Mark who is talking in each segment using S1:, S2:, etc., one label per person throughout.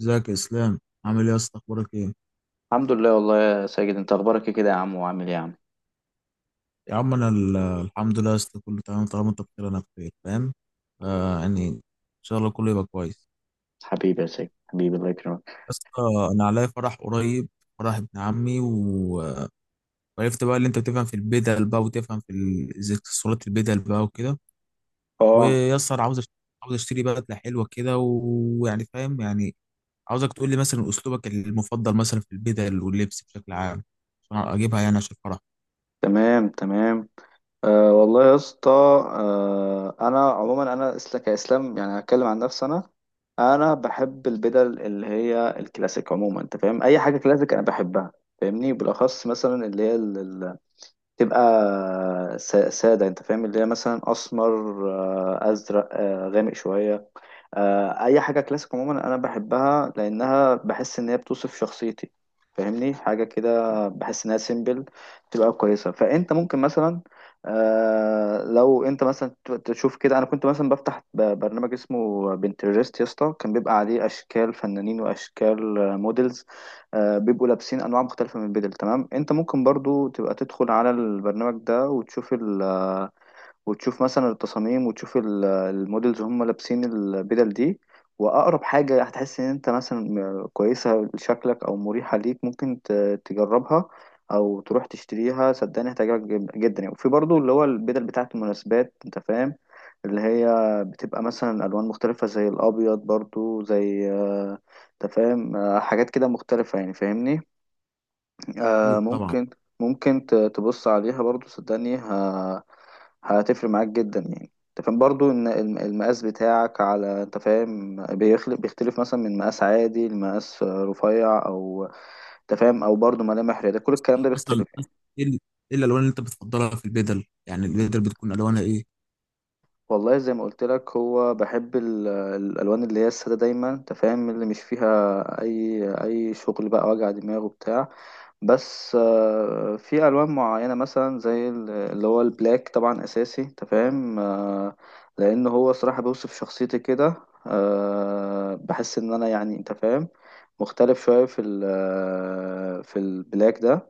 S1: ازيك يا اسلام؟ عامل ايه يا اسطى، اخبارك ايه؟
S2: الحمد لله والله يا ساجد، انت اخبارك ايه كده يا عم، وعامل ايه يا عم؟
S1: يا عم انا الحمد لله يا اسطى، كله تمام. طالما انت بخير انا بخير، فاهم. يعني ان شاء الله كله يبقى كويس.
S2: حبيبي يا ساجد، حبيبي، الله يكرمك.
S1: يا اسطى انا عليا فرح قريب، فرح ابن عمي وعرفت بقى اللي انت بتفهم في البدل بقى وتفهم في زي اكسسوارات البدل بقى وكده.
S2: اه،
S1: ويا اسطى أنا عاوز اشتري بدله حلوه كده ويعني فاهم يعني. عاوزك تقول لي مثلا اسلوبك المفضل مثلا في البدل واللبس بشكل عام، عشان اجيبها يعني، عشان الفرح.
S2: تمام تمام. والله يا اسطى، انا عموما، كاسلام يعني، هتكلم عن نفسي. انا بحب البدل اللي هي الكلاسيك عموما، انت فاهم، اي حاجه كلاسيك انا بحبها، فاهمني. بالاخص مثلا اللي هي تبقى سادة، انت فاهم، اللي هي مثلا اسمر، ازرق، غامق شوية، اي حاجة كلاسيك عموما انا بحبها، لانها بحس ان هي بتوصف شخصيتي، فاهمني. حاجة كده بحس انها سيمبل، تبقى كويسة. فانت ممكن مثلا، لو انت مثلا تشوف كده. انا كنت مثلا بفتح برنامج اسمه بنترست يا اسطى، كان بيبقى عليه اشكال فنانين واشكال موديلز، بيبقوا لابسين انواع مختلفه من البدل. تمام، انت ممكن برضو تبقى تدخل على البرنامج ده وتشوف وتشوف مثلا التصاميم، وتشوف المودلز هم لابسين البدل دي، واقرب حاجه هتحس ان انت مثلا كويسه لشكلك او مريحه ليك، ممكن تجربها او تروح تشتريها. صدقني هتعجبك جدا يعني. وفي برضو اللي هو البدل بتاعت المناسبات، انت فاهم، اللي هي بتبقى مثلا الوان مختلفه زي الابيض برضو، زي انت فاهم، حاجات كده مختلفه يعني، فاهمني.
S1: اكيد طبعا.
S2: ممكن تبص عليها برضو. صدقني هتفرق معاك جدا يعني. انت فاهم برضو ان المقاس بتاعك على، انت فاهم، بيختلف مثلا من مقاس عادي لمقاس رفيع، او انت فاهم، او برضو ملامح رياضية. كل الكلام ده
S1: مثلا
S2: بيختلف يعني.
S1: ايه ال- إيه الالوان اللي انت بتفضلها في البدل؟ يعني البدل بتكون الوانها ايه؟
S2: والله زي ما قلت لك، هو بحب الالوان اللي هي الساده دايما، انت فاهم، اللي مش فيها اي شغل بقى، وجع دماغ وبتاع. بس في الوان معينه مثلا زي اللي هو البلاك، طبعا اساسي، انت فاهم، لان هو صراحه بيوصف شخصيتي كده. بحس ان انا يعني، انت فاهم، مختلف شويه في البلاك ده.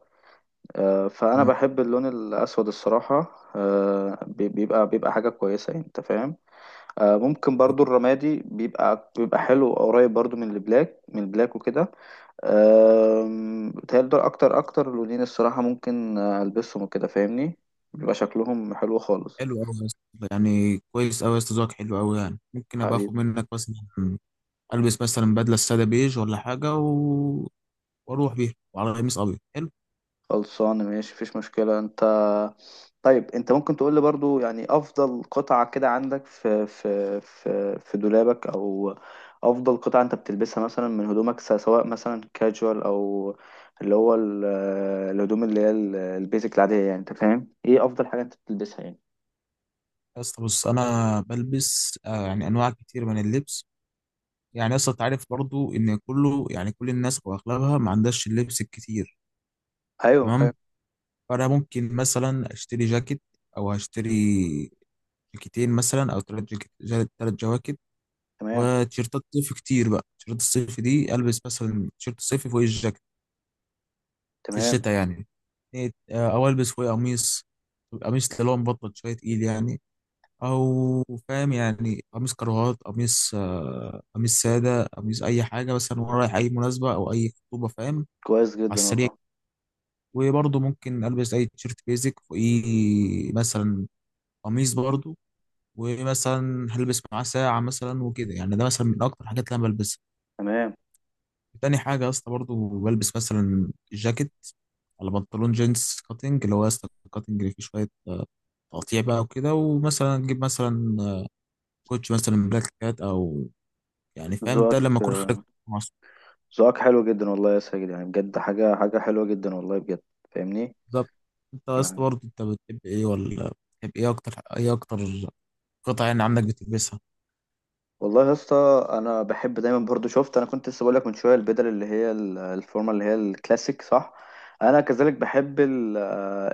S2: فانا
S1: مم.
S2: بحب اللون الاسود الصراحه، بيبقى حاجه كويسه يعني، انت فاهم. ممكن برضو الرمادي بيبقى حلو، قريب برضو من البلاك، وكده. بيتهيألي دول اكتر لونين الصراحة، ممكن البسهم وكده، فاهمني. بيبقى شكلهم حلو خالص.
S1: حلو قوي يا اسطى، يعني كويس قوي يا اسطى، ذوقك حلو قوي. يعني ممكن ابقى
S2: حبيبي.
S1: اخد منك مثلا، البس مثلا بدله ساده بيج ولا حاجه واروح بيها وعلى قميص ابيض حلو.
S2: خلصانة ماشي، مفيش مشكلة. انت طيب، انت ممكن تقول لي برضو يعني افضل قطعة كده عندك في دولابك، او افضل قطعة انت بتلبسها مثلا من هدومك، سواء مثلا كاجوال، او اللي هو الهدوم اللي هي البيزك العادية يعني. انت فاهم، ايه افضل حاجة انت بتلبسها يعني؟
S1: يا اسطى بص، انا بلبس يعني انواع كتير من اللبس. يعني يا اسطى أنت عارف برضو ان كله، يعني كل الناس واغلبها ما عندهاش اللبس الكتير،
S2: ايوه
S1: تمام.
S2: ايوه،
S1: فانا ممكن مثلا اشتري جاكيت او هشتري جاكيتين مثلا او ثلاث جواكت،
S2: تمام
S1: وتيشيرتات صيف كتير بقى. تيشيرتات الصيف دي البس مثلا تيشيرت الصيفي فوق الجاكيت في
S2: تمام،
S1: الشتاء يعني. إيه، آه، او البس فوق قميص اللي هو مبطن شويه، تقيل يعني. او فاهم يعني، قميص كراهات، قميص قميص ساده، قميص اي حاجه مثلا وانا رايح اي مناسبه او اي خطوبه، فاهم،
S2: كويس
S1: على
S2: جدا
S1: السريع.
S2: والله.
S1: وبرضه ممكن البس اي تيشيرت بيزك فوقيه مثلا قميص برضه، ومثلا هلبس معاه ساعة مثلا وكده يعني. ده مثلا من أكتر الحاجات اللي أنا بلبسها.
S2: تمام.
S1: تاني حاجة يا اسطى برضه بلبس مثلا جاكيت على بنطلون جينز كاتنج، اللي هو يا اسطى الكاتنج اللي فيه شوية تقطيع بقى وكده، ومثلا أجيب مثلا كوتش مثلا بلاك كات أو، يعني فاهم، ده
S2: ذوقك
S1: لما أكون خارج مع أصحابي.
S2: ذوقك حلو جدا والله يا ساجد، يعني بجد، حاجة حلوة جدا والله، بجد، فاهمني
S1: بالظبط. أنت يا اسطى
S2: يعني.
S1: برضه أنت بتحب إيه؟ ولا بتحب إيه أكتر قطع يعني عندك بتلبسها؟
S2: والله يا اسطى انا بحب دايما برضو، شفت، انا كنت لسه بقول لك من شويه، البدل اللي هي الفورمه اللي هي الكلاسيك صح؟ انا كذلك بحب ال-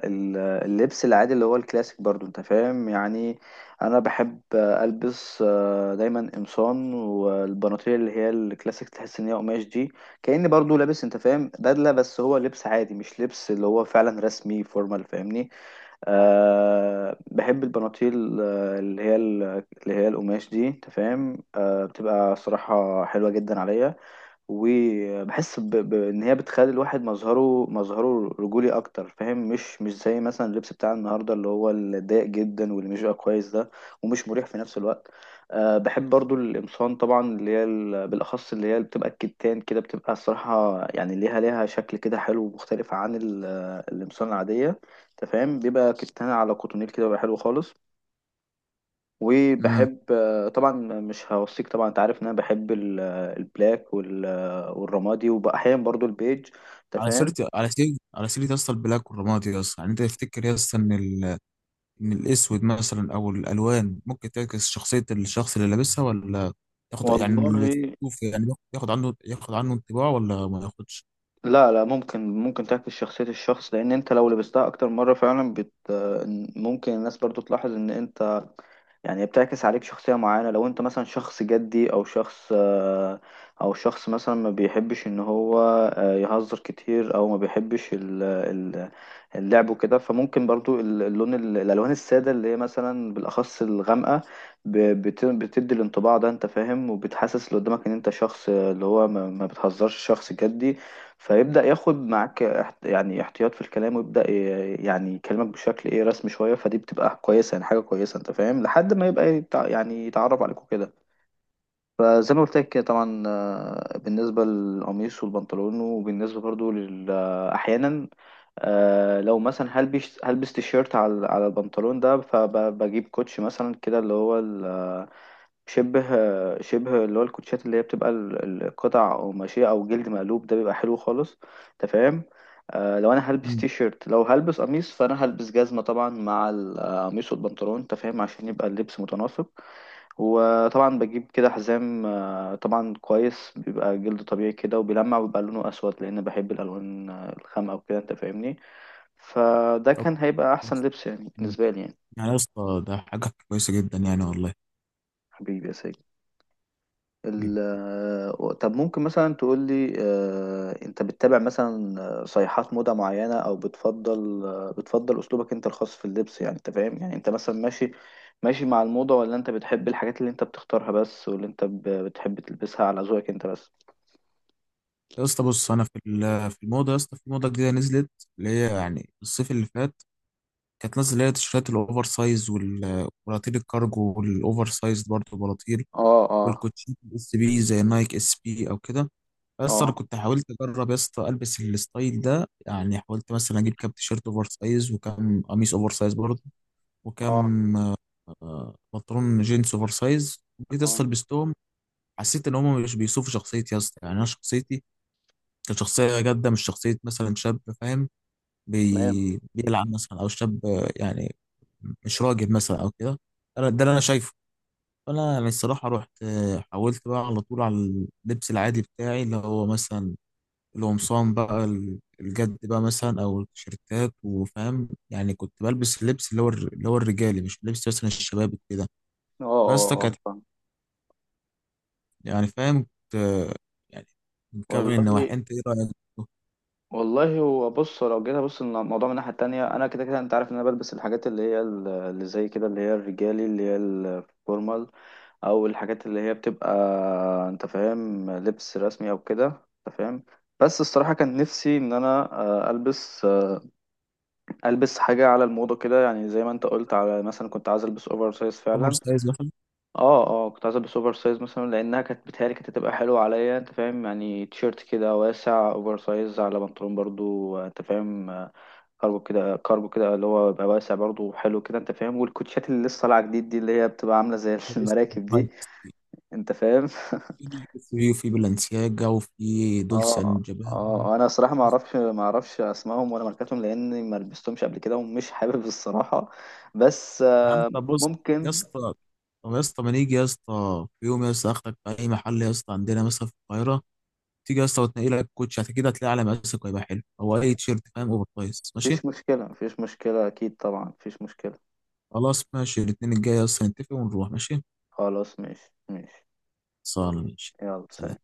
S2: ال- اللبس العادي اللي هو الكلاسيك برضو، انت فاهم يعني. انا بحب البس دايما قمصان والبناطيل اللي هي الكلاسيك، تحس ان هي قماش دي، كأني برضو لابس، انت فاهم، بدله، بس هو لبس عادي مش لبس اللي هو فعلا رسمي فورمال، فاهمني. أه بحب البناطيل اللي هي اللي هي القماش دي، انت فاهم. أه بتبقى صراحة حلوة جدا عليا، وبحس ان هي بتخلي الواحد مظهره رجولي اكتر، فاهم، مش زي مثلا اللبس بتاع النهارده اللي هو الضيق جدا، واللي مش بقى كويس ده، ومش مريح في نفس الوقت. أه بحب برضو القمصان طبعا اللي هي بالاخص اللي هي اللي بتبقى الكتان كده، بتبقى الصراحه يعني ليها شكل كده حلو ومختلف عن القمصان العاديه، انت فاهم. بيبقى كتان على كوتونيل كده، بيبقى حلو خالص.
S1: مم.
S2: وبحب طبعا، مش هوصيك طبعا، انت عارف ان انا بحب البلاك والرمادي، واحيانا برضو البيج، انت
S1: على سيرة
S2: فاهم.
S1: على سيرة على سيرة يا اسطى البلاك والرمادي، يا اسطى يعني أنت تفتكر يا اسطى إن ال ان الاسود مثلا او الالوان ممكن تعكس شخصيه الشخص اللي لابسها؟ ولا تاخد، يعني
S2: والله،
S1: اللي تشوف يعني بياخد ياخد عنه ياخد عنه انطباع ولا ما ياخدش؟
S2: لا لا، ممكن، ممكن تعكس شخصية الشخص، لان انت لو لبستها اكتر مرة فعلا بت آه، ممكن الناس برضو تلاحظ ان انت يعني بتعكس عليك شخصية معينة. لو انت مثلا شخص جدي، او شخص او شخص مثلا ما بيحبش ان هو يهزر كتير، او ما بيحبش اللعب وكده، فممكن برضو اللون الالوان السادة اللي هي مثلا بالاخص الغامقة بتدي الانطباع ده، انت فاهم، وبتحسس اللي قدامك ان انت شخص اللي هو ما بتهزرش، شخص جدي. فيبدأ ياخد معاك يعني احتياط في الكلام، ويبدأ يعني يكلمك بشكل ايه رسمي شوية. فدي بتبقى كويسة يعني، حاجة كويسة، انت فاهم، لحد ما يبقى يعني يتعرف عليك وكده. فزي ما قلت لك كده طبعا، بالنسبة للقميص والبنطلون، وبالنسبة برضو لل آه، أحيانا، لو مثلا هلبس تيشيرت على البنطلون ده، فبجيب كوتش مثلا كده اللي هو شبه شبه اللي هو الكوتشات اللي هي بتبقى القطع قماشية أو جلد مقلوب، ده بيبقى حلو خالص أنت فاهم. آه لو أنا هلبس
S1: مم.
S2: تي شيرت، لو هلبس قميص، فأنا هلبس جزمة طبعا مع القميص والبنطلون، أنت فاهم، عشان يبقى اللبس متناسق. وطبعا بجيب كده حزام، آه طبعا كويس، بيبقى جلد طبيعي كده وبيلمع، وبيبقى لونه أسود، لأن بحب الألوان الخامقة وكده، أنت فاهمني. فده
S1: طب
S2: كان هيبقى أحسن
S1: كويس.
S2: لبس يعني
S1: مم.
S2: بالنسبة لي يعني.
S1: يعني يا اسطى ده حاجه كويسه جدا يعني والله.
S2: حبيبي يا سيد. ال-
S1: طيب.
S2: طب ممكن مثلا تقول لي، انت بتتابع مثلا صيحات موضة معينة، او بتفضل بتفضل اسلوبك انت الخاص في اللبس يعني، انت فاهم يعني، انت مثلا ماشي مع الموضة، ولا انت بتحب الحاجات اللي انت بتختارها بس، واللي انت بتحب تلبسها على ذوقك انت بس؟
S1: يا اسطى بص، انا في في الموضه، يا اسطى في موضه جديده نزلت، اللي هي يعني الصيف اللي فات كانت نازله، اللي هي التيشيرتات الاوفر سايز والبلاطيل الكارجو، والاوفر سايز برضه بلاطيل،
S2: اه اه
S1: والكوتشي الاس بي زي نايك اس بي او كده. بس انا
S2: اه
S1: كنت حاولت اجرب يا اسطى البس الستايل ده، يعني حاولت مثلا اجيب كام تيشيرت اوفر سايز وكام قميص اوفر سايز برضه،
S2: اه
S1: وكام بنطلون جينز اوفر سايز. جيت يا
S2: اه،
S1: اسطى لبستهم، حسيت ان هم مش بيوصفوا شخصيتي يا اسطى. يعني انا شخصيتي كانت شخصيه جاده، مش شخصيه مثلا شاب فاهم
S2: تمام،
S1: بيلعب مثلا، او شاب يعني مش راجل مثلا او كده. انا ده اللي انا شايفه. فانا يعني الصراحه رحت حاولت بقى على طول على اللبس العادي بتاعي، اللي هو مثلا القمصان بقى الجد بقى مثلا، او التيشيرتات. وفاهم يعني كنت بلبس اللبس اللي هو اللي هو الرجالي، مش لبس مثلا الشباب كده.
S2: اه
S1: بس ده
S2: اه اه،
S1: كانت،
S2: فاهم.
S1: يعني فاهم، كنت يعني مكون
S2: والله،
S1: النواحي. انت ايه رايك؟
S2: والله هو بص، لو جينا بص الموضوع من الناحية التانية، أنا كده كده أنت عارف إن أنا بلبس الحاجات اللي هي اللي زي كده اللي هي الرجالي اللي هي الفورمال، أو الحاجات اللي هي بتبقى، أنت فاهم، لبس رسمي أو كده، أنت فاهم. بس الصراحة كان نفسي إن أنا ألبس حاجة على الموضة كده يعني، زي ما أنت قلت، على مثلا كنت عايز ألبس أوفر سايز
S1: اوفر
S2: فعلا.
S1: سايز مثلا.
S2: اه اه كنت عايز ألبس أوفر سايز مثلا، لأنها كانت بتهيألي كانت هتبقى حلوة عليا، أنت فاهم، يعني تيشيرت كده واسع أوفر سايز، على بنطلون برضو أنت فاهم، كارجو كده، اللي هو بيبقى واسع برضه وحلو كده، انت فاهم، والكوتشات اللي لسه طالعه جديد دي اللي هي بتبقى عامله زي
S1: لبست
S2: المراكب دي،
S1: في
S2: انت فاهم.
S1: في وفي بلانسياجا وفي دولce
S2: اه
S1: اند جابانا.
S2: اه انا صراحه ما اعرفش اسمائهم ولا ماركاتهم، لاني ما لبستهمش قبل كده، ومش حابب الصراحه. بس
S1: يا عم طب بص يا
S2: ممكن.
S1: اسطى. طب يا اسطى ما نيجي يا اسطى في يوم، يا اسطى اخدك في اي محل يا اسطى عندنا مثلا في القاهره، تيجي يا اسطى وتنقي لك كوتش، كده هتلاقي على مقاسك وهيبقى حلو، او اي تيشيرت فاهم اوفر سايز، ماشي؟
S2: مفيش مشكله، اكيد طبعا، مفيش مشكله.
S1: خلاص، ماشي الاثنين الجاي يا اسطى نتفق ونروح، ماشي؟
S2: خلاص ماشي ماشي.
S1: صار، ماشي.
S2: يلا
S1: سلام.
S2: سلام.